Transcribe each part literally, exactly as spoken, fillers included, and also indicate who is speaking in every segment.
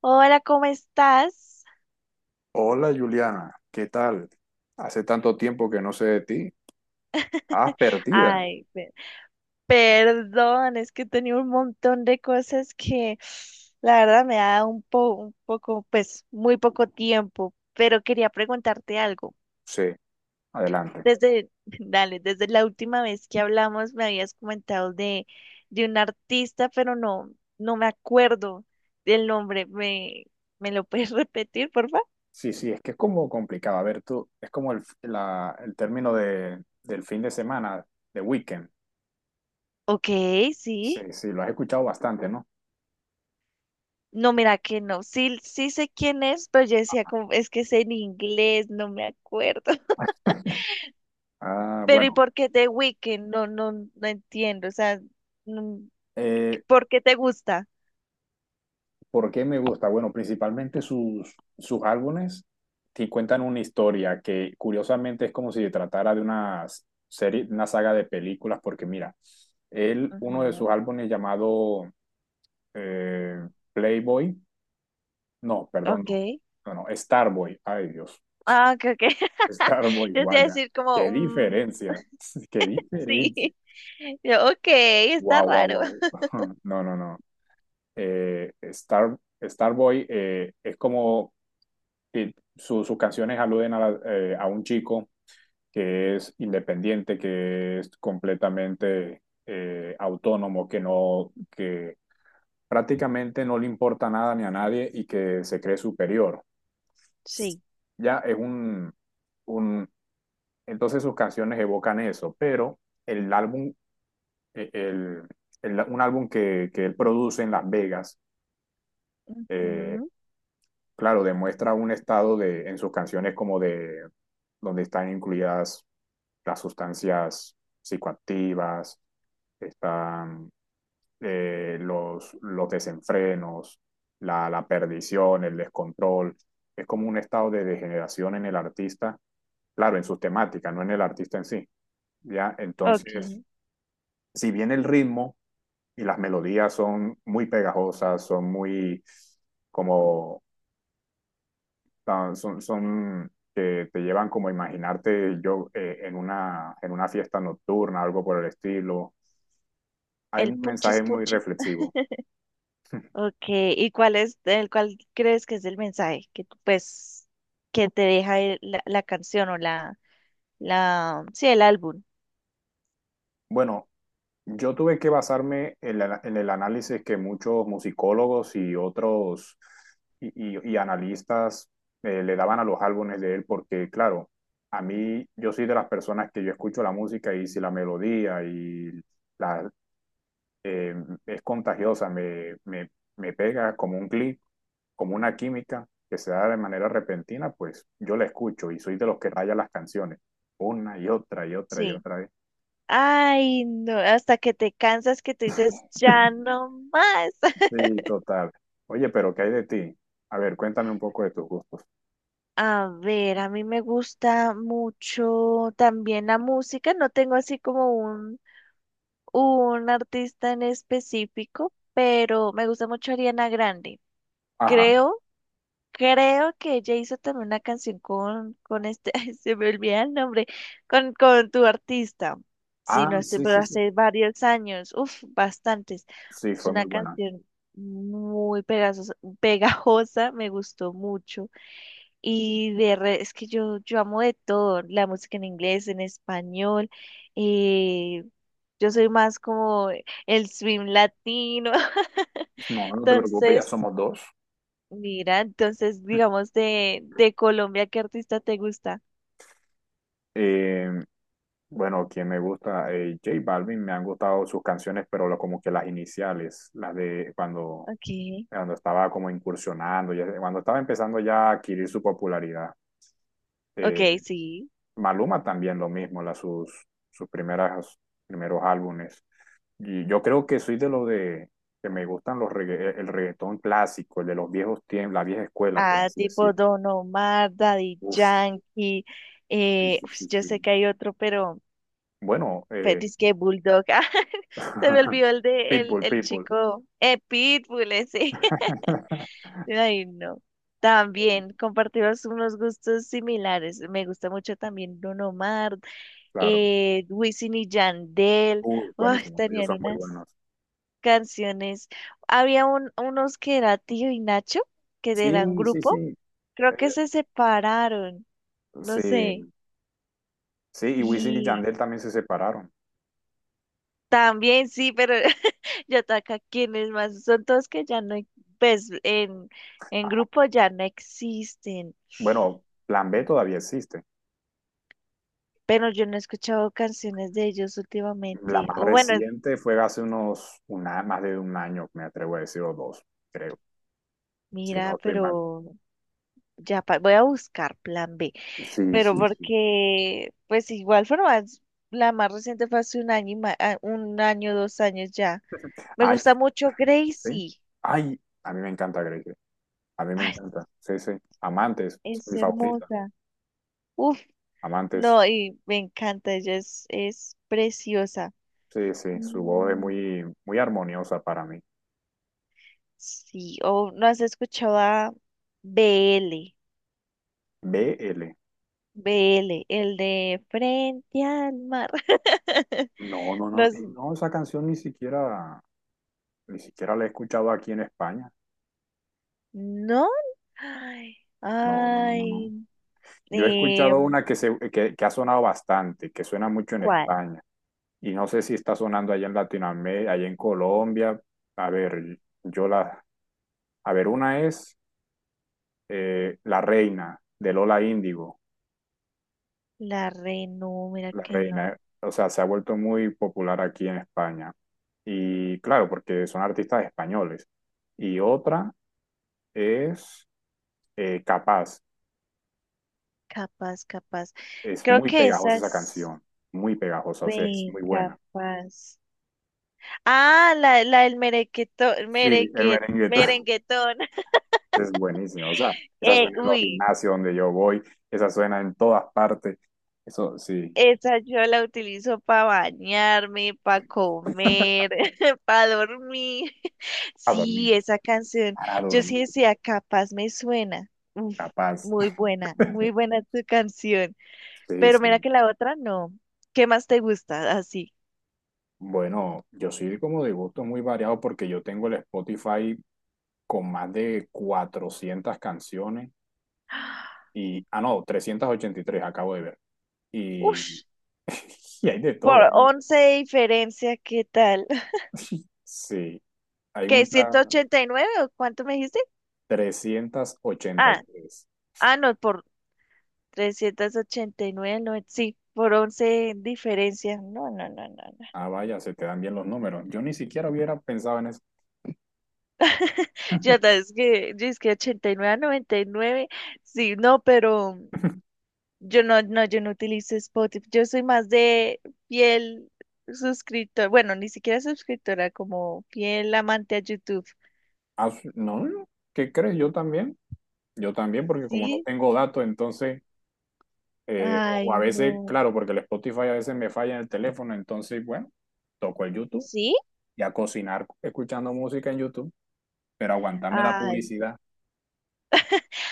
Speaker 1: Hola, ¿cómo estás?
Speaker 2: Hola Juliana, ¿qué tal? Hace tanto tiempo que no sé de ti. ¿Estabas perdida?
Speaker 1: Ay, pe- perdón, es que tenía un montón de cosas que la verdad me da un po- un poco, pues muy poco tiempo, pero quería preguntarte algo.
Speaker 2: Sí, adelante.
Speaker 1: Desde, dale, desde la última vez que hablamos me habías comentado de, de un artista, pero no, no me acuerdo del nombre. ¿Me, me lo puedes repetir, por favor?
Speaker 2: Sí, sí, es que es como complicado. A ver, tú, es como el, la- el término de, del fin de semana, de weekend.
Speaker 1: Ok,
Speaker 2: Sí,
Speaker 1: sí.
Speaker 2: sí, lo has escuchado bastante, ¿no?
Speaker 1: No, mira que no. Sí, sí sé quién es, pero yo decía como, es que es en inglés, no me acuerdo.
Speaker 2: Ah,
Speaker 1: Pero ¿y
Speaker 2: bueno.
Speaker 1: por qué The Weeknd? No, no, no entiendo. O sea, no-
Speaker 2: Eh,
Speaker 1: ¿por qué te gusta?
Speaker 2: ¿Por qué me gusta? Bueno, principalmente sus, sus álbumes te cuentan una historia que curiosamente es como si se tratara de una serie, una saga de películas. Porque mira, él, uno de sus
Speaker 1: Ujú.
Speaker 2: álbumes llamado eh, Playboy, no, perdón,
Speaker 1: Ok.
Speaker 2: no, no, no, Starboy, ay Dios,
Speaker 1: Ah, ok, ok.
Speaker 2: Starboy,
Speaker 1: Yo te iba a
Speaker 2: vaya,
Speaker 1: decir
Speaker 2: qué
Speaker 1: como, mm,
Speaker 2: diferencia, qué
Speaker 1: Sí.
Speaker 2: diferencia,
Speaker 1: Yo, ok, está
Speaker 2: wow, wow,
Speaker 1: raro.
Speaker 2: wow, no, no, no. Eh, Star, Starboy eh, es como, eh, su- sus canciones aluden a, la- eh, a un chico que es independiente, que es completamente eh, autónomo, que no, que prácticamente no le importa nada ni a nadie y que se cree superior.
Speaker 1: Sí.
Speaker 2: Ya es un, un- Entonces sus canciones evocan eso, pero el álbum, eh, el, el- un álbum que, que él produce en Las Vegas, eh,
Speaker 1: Ujú.
Speaker 2: claro, demuestra un estado de, en sus canciones, como de donde están incluidas las sustancias psicoactivas. Están eh, los, los desenfrenos, la, la perdición, el descontrol. Es como un estado de degeneración en el artista, claro, en sus temáticas, no en el artista en sí, ¿ya?
Speaker 1: Ok.
Speaker 2: Entonces, si bien el ritmo y las melodías son muy pegajosas, son muy como, ah, son, son que te llevan como a imaginarte yo eh, en, una, en una fiesta nocturna, algo por el estilo, hay
Speaker 1: El
Speaker 2: un mensaje
Speaker 1: punchis
Speaker 2: muy
Speaker 1: punchis.
Speaker 2: reflexivo.
Speaker 1: Ok. ¿Y cuál es, el cuál crees que es el mensaje que tú, pues, que te deja el- la, la canción o la, la, sí, el álbum?
Speaker 2: Bueno, yo tuve que basarme en, la- en el análisis que muchos musicólogos y otros y, y- y analistas eh, le daban a los álbumes de él, porque claro, a mí, yo soy de las personas que yo escucho la música y si la melodía y la, eh, es contagiosa, me, me, me pega como un clic, como una química que se da de manera repentina, pues yo la escucho y soy de los que raya las canciones una y otra y otra y
Speaker 1: Sí.
Speaker 2: otra vez.
Speaker 1: Ay, no, hasta que te cansas que te dices, ya no más.
Speaker 2: Sí, total. Oye, pero ¿qué hay de ti? A ver, cuéntame un poco de tus gustos.
Speaker 1: A ver, a mí me gusta mucho también la música. No tengo así como un artista en específico, pero me gusta mucho Ariana Grande.
Speaker 2: Ajá.
Speaker 1: Creo Creo que ella hizo también una canción con, con este, ay, se me olvida el nombre, con, con tu artista. Si
Speaker 2: Ah,
Speaker 1: no estoy,
Speaker 2: sí,
Speaker 1: pero
Speaker 2: sí, sí.
Speaker 1: hace varios años, uff, bastantes.
Speaker 2: Sí,
Speaker 1: Es
Speaker 2: fue
Speaker 1: una
Speaker 2: muy buena.
Speaker 1: canción muy pegajosa, pegajosa, me gustó mucho. Y de re- es que yo, yo amo de todo, la música en inglés, en español, eh, yo soy más como el swing latino,
Speaker 2: No, no te preocupes, ya
Speaker 1: entonces.
Speaker 2: somos dos.
Speaker 1: Mira, entonces, digamos, de, de Colombia, ¿qué artista te gusta?
Speaker 2: Eh, bueno, quien me gusta, eh, J Balvin, me han gustado sus canciones, pero lo- como que las iniciales, las de cuando,
Speaker 1: Okay,
Speaker 2: cuando estaba como incursionando, ya- cuando estaba empezando ya a adquirir su popularidad.
Speaker 1: okay,
Speaker 2: Eh,
Speaker 1: sí.
Speaker 2: Maluma también lo mismo, las sus, sus primeras, primeros álbumes. Y yo creo que soy de los de que me gustan los regga- el reggaetón clásico, el de los viejos tiempos, la vieja escuela, por
Speaker 1: Ah,
Speaker 2: así
Speaker 1: tipo
Speaker 2: decirlo.
Speaker 1: Don Omar, Daddy
Speaker 2: Uf,
Speaker 1: Yankee.
Speaker 2: sí,
Speaker 1: Eh,
Speaker 2: sí,
Speaker 1: pues
Speaker 2: sí,
Speaker 1: yo sé
Speaker 2: sí.
Speaker 1: que hay otro, pero,
Speaker 2: Bueno,
Speaker 1: pero
Speaker 2: eh,
Speaker 1: es que Bulldog. ah, se me olvidó el de el,
Speaker 2: Pitbull,
Speaker 1: el
Speaker 2: Pitbull.
Speaker 1: chico. Eh, Pitbull, ese. Ay, no.
Speaker 2: Eh,
Speaker 1: También compartimos unos gustos similares. Me gusta mucho también Don Omar,
Speaker 2: Claro.
Speaker 1: eh, Wisin y Yandel.
Speaker 2: Uh,
Speaker 1: Ay,
Speaker 2: buenísimo. Ellos
Speaker 1: tenían
Speaker 2: son muy
Speaker 1: unas.
Speaker 2: buenos.
Speaker 1: canciones. Había un- unos que era Tío y Nacho, que eran
Speaker 2: Sí, sí, sí.
Speaker 1: grupo. Creo que
Speaker 2: Eh,
Speaker 1: se separaron, no
Speaker 2: sí,
Speaker 1: sé.
Speaker 2: sí. Y Wisin y
Speaker 1: Y
Speaker 2: Yandel también se separaron.
Speaker 1: también sí, pero yo acá quienes más. Son todos que ya no, pues en, en grupo ya no existen.
Speaker 2: Bueno, Plan B todavía existe.
Speaker 1: Pero yo no he escuchado canciones de ellos
Speaker 2: La
Speaker 1: últimamente.
Speaker 2: más
Speaker 1: O bueno,
Speaker 2: reciente fue hace unos, una, más de un año, me atrevo a decir, o dos, creo. Si no
Speaker 1: mira,
Speaker 2: estoy mal.
Speaker 1: pero ya pa- voy a buscar plan B,
Speaker 2: Sí,
Speaker 1: pero
Speaker 2: sí, sí.
Speaker 1: porque, pues igual forma, es- la más reciente fue hace un año, y ma- ah, un año, dos años ya. Me
Speaker 2: Ay,
Speaker 1: gusta mucho
Speaker 2: sí.
Speaker 1: Gracie.
Speaker 2: Ay, a mí me encanta Grey Day. A mí me
Speaker 1: Ay,
Speaker 2: encanta. Sí, sí. Amantes, es
Speaker 1: es
Speaker 2: mi favorita.
Speaker 1: hermosa. Uf,
Speaker 2: Amantes.
Speaker 1: no, y me encanta, ella es, es preciosa.
Speaker 2: Sí, sí. Su voz es
Speaker 1: Mm,
Speaker 2: muy, muy armoniosa para mí.
Speaker 1: sí, o no has escuchado a B L.
Speaker 2: B L.
Speaker 1: B L, el de Frente al Mar.
Speaker 2: No, no,
Speaker 1: No,
Speaker 2: no. eh,
Speaker 1: es-
Speaker 2: No, esa canción ni siquiera, ni siquiera la he escuchado aquí en España.
Speaker 1: ¿no? Ay,
Speaker 2: No, no, no, no, no.
Speaker 1: ay.
Speaker 2: Yo he
Speaker 1: Eh,
Speaker 2: escuchado una que se, que, que ha sonado bastante, que suena mucho en
Speaker 1: ¿Cuál?
Speaker 2: España. Y no sé si está sonando allá en Latinoamérica, allá en Colombia. A ver, yo la, a ver, una es eh, La Reina, de Lola Índigo.
Speaker 1: La Renu, mira
Speaker 2: La
Speaker 1: que no.
Speaker 2: Reina, eh, o sea, se ha vuelto muy popular aquí en España. Y claro, porque son artistas españoles. Y otra es eh, Capaz,
Speaker 1: Capaz, capaz.
Speaker 2: es
Speaker 1: Creo
Speaker 2: muy
Speaker 1: que
Speaker 2: pegajosa
Speaker 1: esa
Speaker 2: esa
Speaker 1: es.
Speaker 2: canción, muy pegajosa, o sea, es
Speaker 1: Ven,
Speaker 2: muy buena.
Speaker 1: capaz. Ah, la, la del merequetón,
Speaker 2: Sí, el
Speaker 1: mereque,
Speaker 2: merengue
Speaker 1: merenguetón.
Speaker 2: es buenísimo, o sea, esa
Speaker 1: Eh,
Speaker 2: suena en los
Speaker 1: uy,
Speaker 2: gimnasios donde yo voy, esa suena en todas partes, eso sí,
Speaker 1: esa yo la utilizo para bañarme, para comer, para dormir.
Speaker 2: a dormir,
Speaker 1: Sí, esa canción.
Speaker 2: para
Speaker 1: Yo sí
Speaker 2: dormir,
Speaker 1: decía, capaz me suena. Uf,
Speaker 2: capaz.
Speaker 1: muy buena, muy buena tu canción.
Speaker 2: Sí,
Speaker 1: Pero mira
Speaker 2: sí.
Speaker 1: que la otra no. ¿Qué más te gusta? Así.
Speaker 2: Bueno, yo soy como de gusto muy variado porque yo tengo el Spotify con más de cuatrocientas canciones y, ah, no, trescientas ochenta y tres acabo de ver. Y,
Speaker 1: Ush,
Speaker 2: y hay de todo.
Speaker 1: por
Speaker 2: Hay de-
Speaker 1: once de diferencia, ¿qué tal?
Speaker 2: sí, hay
Speaker 1: ¿Qué,
Speaker 2: muchas
Speaker 1: ciento ochenta y nueve o cuánto me dijiste?
Speaker 2: trescientas ochenta y
Speaker 1: Ah,
Speaker 2: tres
Speaker 1: ah, no, por trescientos ochenta y nueve no, sí, por once de diferencia. No, no, no, no, no.
Speaker 2: Ah, vaya, se te dan bien los números. Yo ni siquiera hubiera pensado en eso.
Speaker 1: Ya sabes que, yo es que ochenta y nueve a noventa y nueve sí, no, pero yo no, no, yo no utilizo Spotify. Yo soy más de fiel suscriptor, bueno, ni siquiera suscriptora, como fiel amante a YouTube.
Speaker 2: Ah, su- no, no, ¿qué crees? Yo también. Yo también, porque como no
Speaker 1: Sí,
Speaker 2: tengo datos, entonces Eh, o o
Speaker 1: ay,
Speaker 2: a veces,
Speaker 1: no,
Speaker 2: claro, porque el Spotify a veces me falla en el teléfono, entonces, bueno, toco el YouTube
Speaker 1: ¿sí?
Speaker 2: y a cocinar escuchando música en YouTube, pero aguantarme la
Speaker 1: Ay,
Speaker 2: publicidad,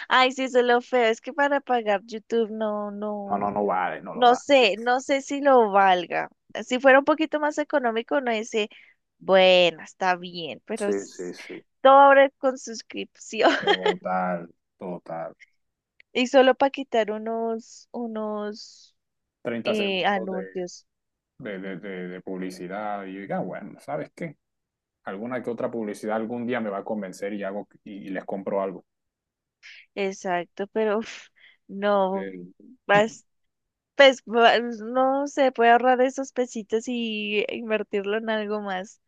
Speaker 1: ay, sí, eso es lo feo. Es que para pagar YouTube no,
Speaker 2: no, no,
Speaker 1: no,
Speaker 2: no vale, no lo
Speaker 1: no
Speaker 2: da.
Speaker 1: sé, no sé si lo valga. Si fuera un poquito más económico, no dice, bueno, está bien, pero
Speaker 2: Sí, sí,
Speaker 1: es
Speaker 2: sí.
Speaker 1: todo ahora con suscripción
Speaker 2: Total, total.
Speaker 1: y solo para quitar unos, unos
Speaker 2: treinta
Speaker 1: eh,
Speaker 2: segundos de,
Speaker 1: anuncios.
Speaker 2: de, de, de- de publicidad y yo diga: "Ah, bueno, ¿sabes qué? Alguna que otra publicidad algún día me va a convencer y hago y, y les compro algo.
Speaker 1: Exacto, pero uf, no,
Speaker 2: Eh,
Speaker 1: pues va- no se puede ahorrar esos pesitos y invertirlo en algo más.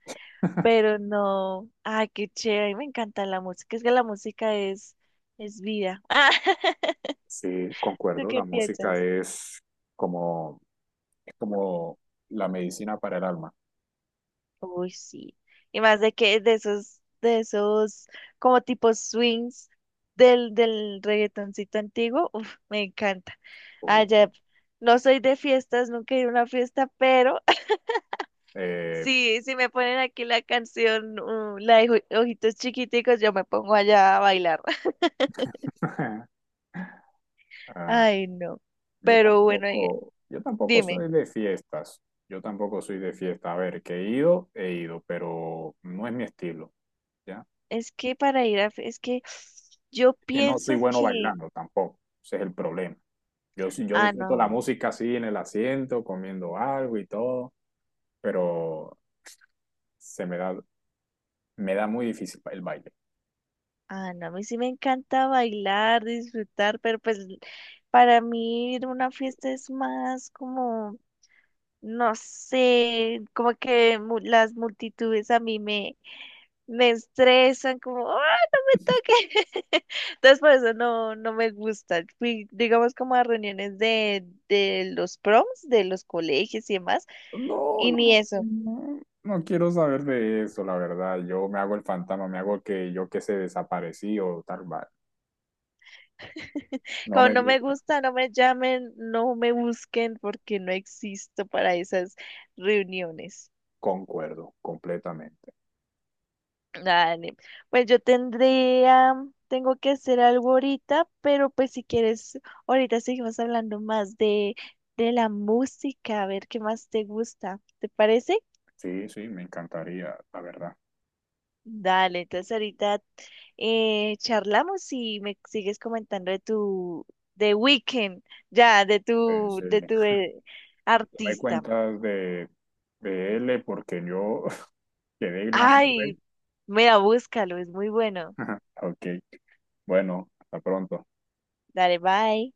Speaker 1: Pero no. Ay, qué chévere. Me encanta la música. Es que la música es, es vida.
Speaker 2: Sí,
Speaker 1: ¿Tú
Speaker 2: concuerdo,
Speaker 1: qué
Speaker 2: la música
Speaker 1: piensas?
Speaker 2: es como como la medicina para el alma.
Speaker 1: Uy, sí. Y más de que de esos, de esos como tipo swings del, del reggaetoncito antiguo, uf, me encanta.
Speaker 2: Uy,
Speaker 1: Allá, no soy de fiestas, nunca he ido a una fiesta, pero
Speaker 2: eh,
Speaker 1: sí, si me ponen aquí la canción, uh, la de Oji- Ojitos Chiquiticos, yo me pongo allá a bailar.
Speaker 2: ah,
Speaker 1: Ay, no.
Speaker 2: yo
Speaker 1: Pero bueno, eh,
Speaker 2: tampoco, yo tampoco
Speaker 1: dime,
Speaker 2: soy de fiestas. Yo tampoco soy de fiesta. A ver, que he ido, he ido, pero no es mi estilo, ¿ya?
Speaker 1: es que para ir a, fe- es que yo
Speaker 2: Que no soy
Speaker 1: pienso
Speaker 2: bueno
Speaker 1: que,
Speaker 2: bailando tampoco. Ese es el problema. Yo, sí- yo
Speaker 1: ah,
Speaker 2: disfruto la
Speaker 1: no,
Speaker 2: música así en el asiento, comiendo algo y todo, pero se me da, me da muy difícil el baile.
Speaker 1: ah, no, a mí sí me encanta bailar, disfrutar, pero pues para mí ir a una fiesta es más como, no sé, como que mu- las multitudes a mí me me estresan, como, ¡ah, no me toques! Entonces, por eso no, no me gusta. Fui, digamos, como a reuniones de, de los proms, de los colegios y demás,
Speaker 2: No,
Speaker 1: y ni
Speaker 2: no,
Speaker 1: eso.
Speaker 2: no, no quiero saber de eso, la verdad. Yo me hago el fantasma, me hago el que yo que se desaparecí o tal, va. No
Speaker 1: Como
Speaker 2: me
Speaker 1: no me
Speaker 2: gusta.
Speaker 1: gusta, no me llamen, no me busquen, porque no existo para esas reuniones.
Speaker 2: Concuerdo completamente.
Speaker 1: Dale, pues yo tendría, tengo que hacer algo ahorita, pero pues si quieres, ahorita seguimos hablando más de, de la música, a ver qué más te gusta. ¿Te parece?
Speaker 2: Sí, sí, me encantaría, la verdad.
Speaker 1: Dale, entonces ahorita eh, charlamos y me sigues comentando de tu, de Weekend, ya, de
Speaker 2: Sí,
Speaker 1: tu,
Speaker 2: sí.
Speaker 1: de tu eh,
Speaker 2: Tú me
Speaker 1: artista.
Speaker 2: cuentas de, de L porque yo quedé en la nube.
Speaker 1: Ay, mira, búscalo, es muy bueno.
Speaker 2: Ok, bueno, hasta pronto.
Speaker 1: Dale, bye.